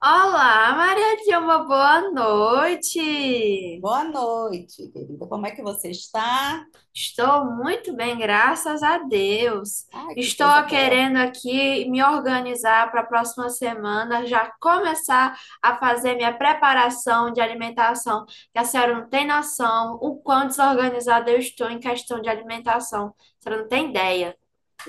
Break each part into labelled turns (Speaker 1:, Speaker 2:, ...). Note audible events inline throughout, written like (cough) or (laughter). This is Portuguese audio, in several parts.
Speaker 1: Olá, Maria Dilma, boa noite.
Speaker 2: Boa noite, querida. Como é que você está?
Speaker 1: Estou muito bem, graças a Deus.
Speaker 2: Ai, que coisa
Speaker 1: Estou
Speaker 2: boa.
Speaker 1: querendo aqui me organizar para a próxima semana, já começar a fazer minha preparação de alimentação, que a senhora não tem noção o quão desorganizada eu estou em questão de alimentação. A senhora não tem ideia.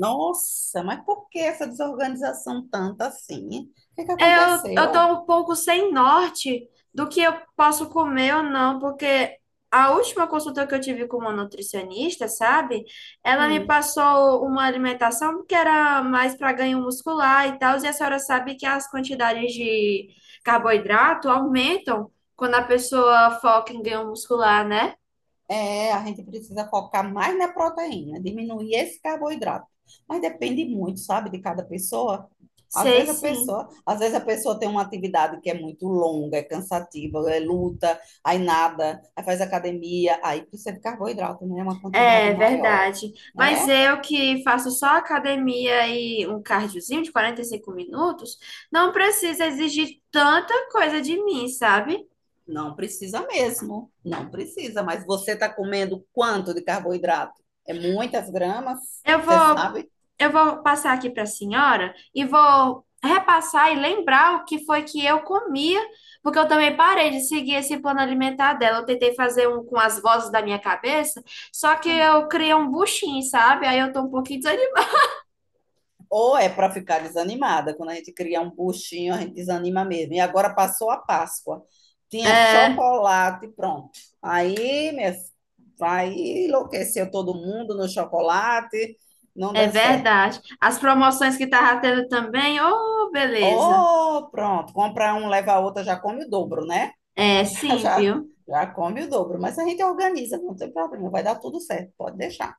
Speaker 2: Nossa, mas por que essa desorganização tanta assim, hein? O que que
Speaker 1: É, eu tô
Speaker 2: aconteceu?
Speaker 1: um pouco sem norte do que eu posso comer ou não, porque a última consulta que eu tive com uma nutricionista, sabe? Ela me
Speaker 2: Hum,
Speaker 1: passou uma alimentação que era mais para ganho muscular e tal, e a senhora sabe que as quantidades de carboidrato aumentam quando a pessoa foca em ganho muscular, né?
Speaker 2: É, a gente precisa focar mais na proteína, diminuir esse carboidrato. Mas depende muito, sabe, de cada pessoa.
Speaker 1: Sei sim.
Speaker 2: Às vezes a pessoa tem uma atividade que é muito longa, é cansativa, é luta, aí nada, aí faz academia, aí precisa de carboidrato, né? É, uma quantidade
Speaker 1: É
Speaker 2: maior,
Speaker 1: verdade. Mas
Speaker 2: né?
Speaker 1: eu que faço só academia e um cardiozinho de 45 minutos, não precisa exigir tanta coisa de mim, sabe?
Speaker 2: Não precisa mesmo, não precisa, mas você está comendo quanto de carboidrato? É muitas gramas,
Speaker 1: Eu
Speaker 2: você
Speaker 1: vou,
Speaker 2: sabe?
Speaker 1: eu vou passar aqui para a senhora e vou repassar e lembrar o que foi que eu comia, porque eu também parei de seguir esse plano alimentar dela. Eu tentei fazer um com as vozes da minha cabeça, só que eu criei um buchinho, sabe? Aí eu tô um pouquinho desanimada.
Speaker 2: Ou é para ficar desanimada. Quando a gente cria um buchinho, a gente desanima mesmo. E agora passou a Páscoa, tinha
Speaker 1: É,
Speaker 2: chocolate, pronto. Aí, minha, Aí enlouqueceu todo mundo no chocolate, não
Speaker 1: É
Speaker 2: deu certo.
Speaker 1: verdade. As promoções que tava tendo também, oh, beleza.
Speaker 2: Oh, pronto, compra um, leva a outra, já come o dobro, né?
Speaker 1: É,
Speaker 2: Já,
Speaker 1: sim,
Speaker 2: já,
Speaker 1: viu?
Speaker 2: já come o dobro, mas a gente organiza, não tem problema, vai dar tudo certo, pode deixar.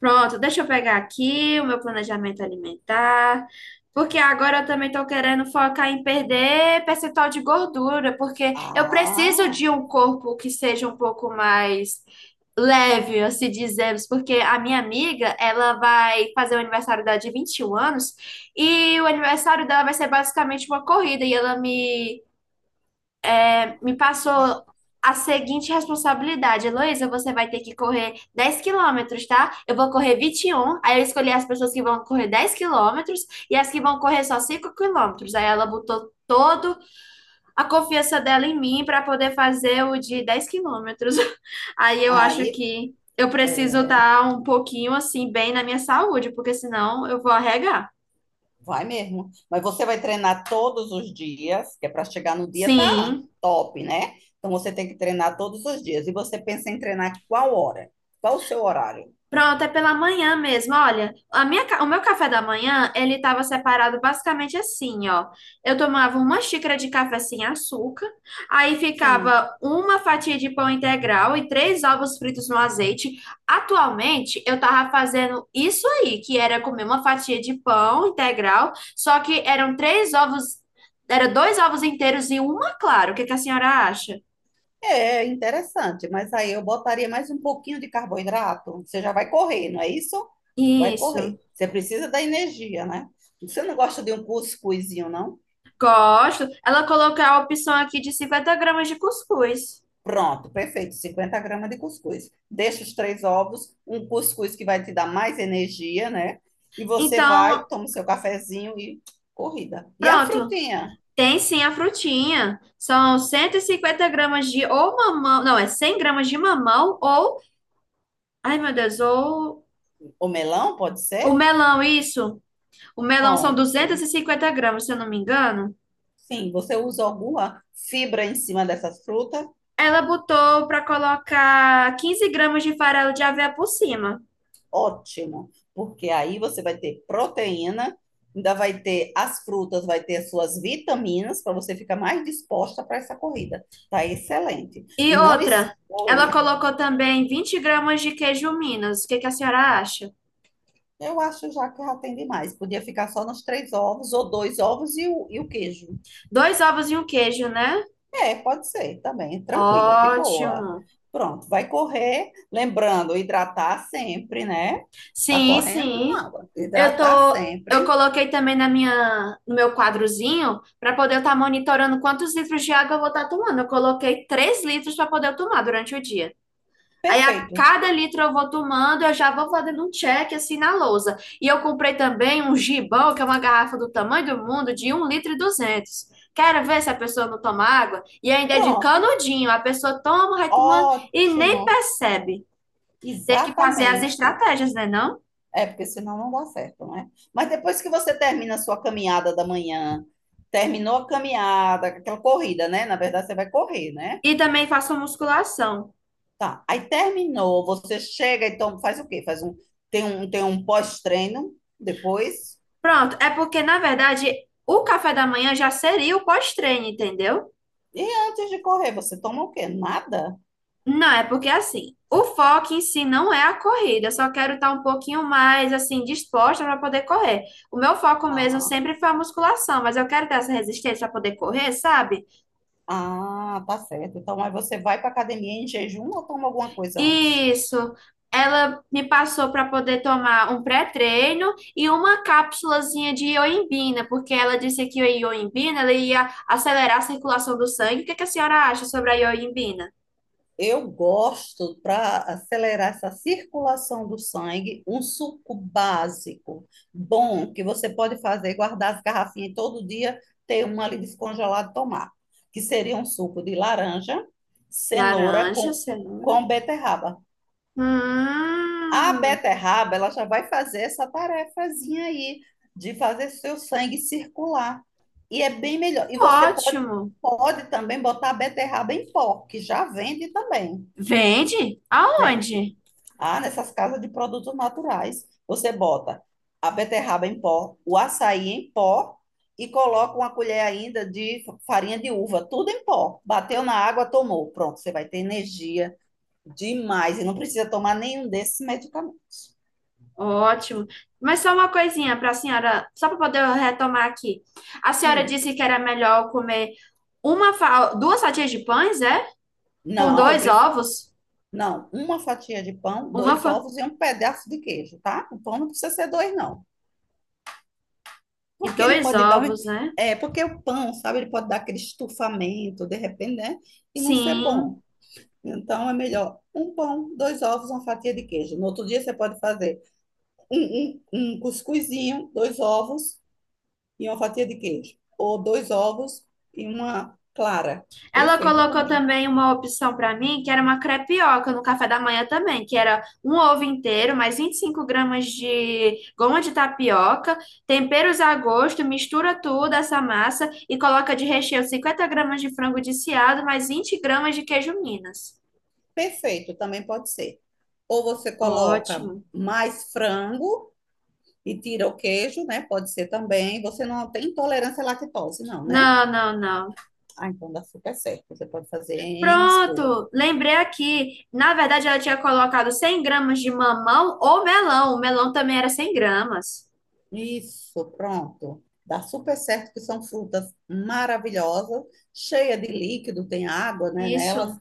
Speaker 1: Pronto, deixa eu pegar aqui o meu planejamento alimentar, porque agora eu também estou querendo focar em perder percentual de gordura, porque eu
Speaker 2: Ah,
Speaker 1: preciso de um corpo que seja um pouco mais leve, assim dizemos, porque a minha amiga, ela vai fazer o aniversário dela de 21 anos, e o aniversário dela vai ser basicamente uma corrida, e ela me passou a seguinte responsabilidade. Heloísa, você vai ter que correr 10 quilômetros, tá? Eu vou correr 21. Aí eu escolhi as pessoas que vão correr 10 quilômetros e as que vão correr só 5 quilômetros. Aí ela botou toda a confiança dela em mim para poder fazer o de 10 quilômetros. (laughs) Aí eu acho
Speaker 2: aí
Speaker 1: que eu preciso
Speaker 2: é,
Speaker 1: estar um pouquinho assim, bem na minha saúde, porque senão eu vou arregar.
Speaker 2: vai mesmo. Mas você vai treinar todos os dias, que é para chegar no dia tá
Speaker 1: Sim.
Speaker 2: top, né? Então você tem que treinar todos os dias. E você pensa em treinar qual hora? Qual o seu horário?
Speaker 1: Pronto, é pela manhã mesmo. Olha, o meu café da manhã, ele estava separado basicamente assim, ó. Eu tomava uma xícara de café sem açúcar, aí
Speaker 2: Sim.
Speaker 1: ficava uma fatia de pão integral e três ovos fritos no azeite. Atualmente, eu tava fazendo isso aí, que era comer uma fatia de pão integral, só que eram três ovos, era dois ovos inteiros e uma clara. O que que a senhora acha?
Speaker 2: É interessante, mas aí eu botaria mais um pouquinho de carboidrato. Você já vai correr, não é isso? Vai
Speaker 1: Isso.
Speaker 2: correr. Você precisa da energia, né? Você não gosta de um cuscuzinho, não?
Speaker 1: Gosto. Ela colocou a opção aqui de 50 gramas de cuscuz.
Speaker 2: Pronto, perfeito. 50 gramas de cuscuz. Deixa os três ovos, um cuscuz que vai te dar mais energia, né? E você vai,
Speaker 1: Então,
Speaker 2: toma o seu cafezinho e corrida. E a
Speaker 1: pronto.
Speaker 2: frutinha?
Speaker 1: Tem sim a frutinha. São 150 gramas de ou mamão. Não, é 100 gramas de mamão ou. Ai, meu Deus, ou.
Speaker 2: O melão, pode
Speaker 1: O
Speaker 2: ser?
Speaker 1: melão, isso. O melão são duzentos
Speaker 2: Pronto.
Speaker 1: e cinquenta gramas, se eu não me engano.
Speaker 2: Sim, você usa alguma fibra em cima dessas frutas?
Speaker 1: Ela botou para colocar 15 gramas de farelo de aveia por cima.
Speaker 2: Ótimo, porque aí você vai ter proteína, ainda vai ter as frutas, vai ter as suas vitaminas para você ficar mais disposta para essa corrida. Tá excelente.
Speaker 1: E
Speaker 2: E não
Speaker 1: outra, ela
Speaker 2: expõe.
Speaker 1: colocou também 20 gramas de queijo Minas. O que que a senhora acha?
Speaker 2: Eu acho já que já tem demais. Podia ficar só nos três ovos, ou dois ovos e o queijo.
Speaker 1: Dois ovos e um queijo, né?
Speaker 2: É, pode ser também, tranquilo, de boa.
Speaker 1: Ótimo.
Speaker 2: Pronto, vai correr, lembrando, hidratar sempre, né? Tá
Speaker 1: Sim,
Speaker 2: correndo com
Speaker 1: sim.
Speaker 2: água. Hidratar sempre.
Speaker 1: Eu coloquei também na minha, no meu quadrozinho para poder estar monitorando quantos litros de água eu vou estar tomando. Eu coloquei 3 litros para poder eu tomar durante o dia. Aí a
Speaker 2: Perfeito.
Speaker 1: cada litro eu vou tomando, eu já vou fazendo um check assim na lousa. E eu comprei também um gibão, que é uma garrafa do tamanho do mundo, de 1 litro e 200. Quero ver se a pessoa não toma água. E ainda é de
Speaker 2: Pronto.
Speaker 1: canudinho, a pessoa toma, vai tomando e nem
Speaker 2: Ótimo,
Speaker 1: percebe. Tem que fazer as
Speaker 2: exatamente.
Speaker 1: estratégias, né, não?
Speaker 2: É, porque senão não dá certo, né? Mas depois que você termina a sua caminhada da manhã, terminou a caminhada, aquela corrida, né? Na verdade, você vai correr, né?
Speaker 1: E também faço musculação.
Speaker 2: Tá. Aí terminou, você chega, então faz o quê? Tem um pós-treino depois.
Speaker 1: Pronto, é porque, na verdade, o café da manhã já seria o pós-treino, entendeu?
Speaker 2: E antes de correr, você toma o quê? Nada?
Speaker 1: Não, é porque assim, o foco em si não é a corrida, eu só quero estar um pouquinho mais assim disposta para poder correr. O meu foco mesmo
Speaker 2: Ah,
Speaker 1: sempre foi a musculação, mas eu quero ter essa resistência para poder correr, sabe?
Speaker 2: ah, tá certo. Então, aí você vai para academia em jejum ou toma alguma coisa antes?
Speaker 1: Isso. Ela me passou para poder tomar um pré-treino e uma cápsulazinha de ioimbina, porque ela disse que a ioimbina ela ia acelerar a circulação do sangue. O que que a senhora acha sobre a ioimbina?
Speaker 2: Eu gosto, para acelerar essa circulação do sangue, um suco básico, bom, que você pode fazer, guardar as garrafinhas todo dia, ter uma ali descongelada e tomar. Que seria um suco de laranja, cenoura
Speaker 1: Laranja,
Speaker 2: com,
Speaker 1: cenoura.
Speaker 2: com beterraba. A
Speaker 1: Hum,
Speaker 2: beterraba, ela já vai fazer essa tarefazinha aí, de fazer seu sangue circular. E é bem melhor. E você pode,
Speaker 1: ótimo.
Speaker 2: pode também botar a beterraba em pó, que já vende também.
Speaker 1: Vende?
Speaker 2: Vende.
Speaker 1: Aonde?
Speaker 2: Ah, nessas casas de produtos naturais, você bota a beterraba em pó, o açaí em pó e coloca uma colher ainda de farinha de uva, tudo em pó. Bateu na água, tomou. Pronto, você vai ter energia demais e não precisa tomar nenhum desses medicamentos.
Speaker 1: Ótimo. Mas só uma coisinha para a senhora, só para poder retomar aqui. A senhora
Speaker 2: Hum,
Speaker 1: disse que era melhor comer duas fatias de pães, é? Com
Speaker 2: não, eu
Speaker 1: dois
Speaker 2: prefiro.
Speaker 1: ovos?
Speaker 2: Não, uma fatia de pão,
Speaker 1: Uma
Speaker 2: dois
Speaker 1: fan...
Speaker 2: ovos e um pedaço de queijo, tá? O pão não precisa ser dois, não.
Speaker 1: e
Speaker 2: Porque ele
Speaker 1: dois
Speaker 2: pode dar.
Speaker 1: ovos, né?
Speaker 2: É, porque o pão, sabe, ele pode dar aquele estufamento, de repente, né? E não ser bom.
Speaker 1: Sim.
Speaker 2: Então é melhor um pão, dois ovos, uma fatia de queijo. No outro dia você pode fazer um, um cuscuzinho, dois ovos e uma fatia de queijo. Ou dois ovos e uma clara.
Speaker 1: Ela
Speaker 2: Perfeito
Speaker 1: colocou
Speaker 2: também.
Speaker 1: também uma opção para mim, que era uma crepioca no café da manhã também, que era um ovo inteiro, mais 25 gramas de goma de tapioca, temperos a gosto, mistura tudo essa massa e coloca de recheio 50 gramas de frango desfiado, mais 20 gramas de queijo Minas.
Speaker 2: Perfeito também pode ser. Ou você coloca
Speaker 1: Ótimo.
Speaker 2: mais frango e tira o queijo, né? Pode ser também. Você não tem intolerância à lactose, não, né?
Speaker 1: Não, não, não.
Speaker 2: Ah, então dá super certo. Você pode fazer N coisas.
Speaker 1: Pronto, lembrei aqui. Na verdade, ela tinha colocado 100 gramas de mamão ou melão. O melão também era 100 gramas.
Speaker 2: Isso, pronto. Dá super certo que são frutas maravilhosas, cheia de líquido, tem água, né, nelas.
Speaker 1: Isso,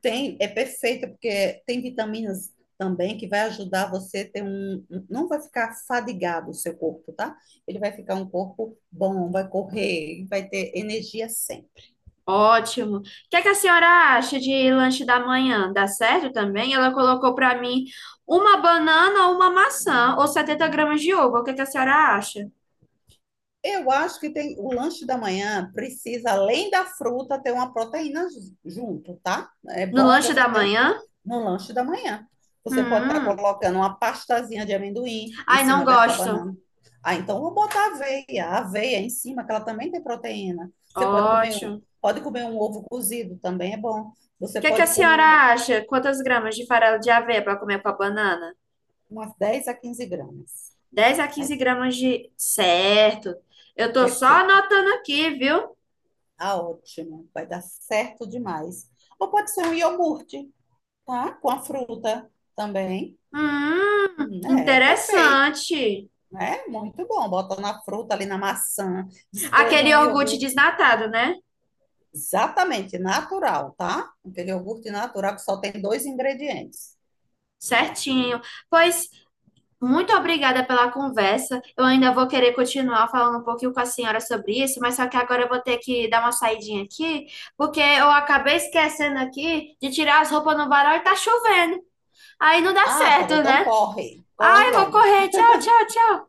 Speaker 2: Tem, é perfeita porque tem vitaminas também que vai ajudar você a ter não vai ficar fadigado o seu corpo, tá? Ele vai ficar um corpo bom, vai correr, vai ter energia sempre.
Speaker 1: ótimo. O que é que a senhora acha de lanche da manhã? Dá certo também? Ela colocou para mim uma banana ou uma maçã ou 70 gramas de ovo. O que é que a senhora acha?
Speaker 2: Eu acho que tem o lanche da manhã precisa, além da fruta, ter uma proteína junto, tá? É
Speaker 1: No
Speaker 2: bom
Speaker 1: lanche
Speaker 2: você
Speaker 1: da
Speaker 2: ter
Speaker 1: manhã?
Speaker 2: no lanche da manhã. Você pode estar
Speaker 1: Hum,
Speaker 2: colocando uma pastazinha de amendoim em
Speaker 1: ai, não
Speaker 2: cima dessa
Speaker 1: gosto.
Speaker 2: banana. Ah, então eu vou botar aveia, a aveia em cima, que ela também tem proteína. Você pode comer,
Speaker 1: Ótimo.
Speaker 2: pode comer um ovo cozido, também é bom.
Speaker 1: O
Speaker 2: Você
Speaker 1: que é que a
Speaker 2: pode
Speaker 1: senhora
Speaker 2: comer
Speaker 1: acha? Quantas gramas de farelo de aveia para comer com a banana?
Speaker 2: umas 10 a 15 gramas.
Speaker 1: dez a
Speaker 2: Né?
Speaker 1: quinze gramas de. Certo. Eu tô só
Speaker 2: Perfeito.
Speaker 1: anotando aqui, viu?
Speaker 2: Ah, ótimo. Vai dar certo demais. Ou pode ser um iogurte, tá? Com a fruta também. É, perfeito.
Speaker 1: Interessante.
Speaker 2: É muito bom. Bota na fruta, ali na maçã, despeja
Speaker 1: Aquele
Speaker 2: um
Speaker 1: iogurte
Speaker 2: iogurte.
Speaker 1: desnatado, né?
Speaker 2: Exatamente, natural, tá? Aquele iogurte natural que só tem dois ingredientes.
Speaker 1: Certinho. Pois, muito obrigada pela conversa. Eu ainda vou querer continuar falando um pouquinho com a senhora sobre isso, mas só que agora eu vou ter que dar uma saidinha aqui, porque eu acabei esquecendo aqui de tirar as roupas no varal e tá chovendo. Aí não dá
Speaker 2: Ah, tá bom,
Speaker 1: certo,
Speaker 2: então
Speaker 1: né?
Speaker 2: corre, corre
Speaker 1: Ai, vou
Speaker 2: logo.
Speaker 1: correr. Tchau, tchau, tchau.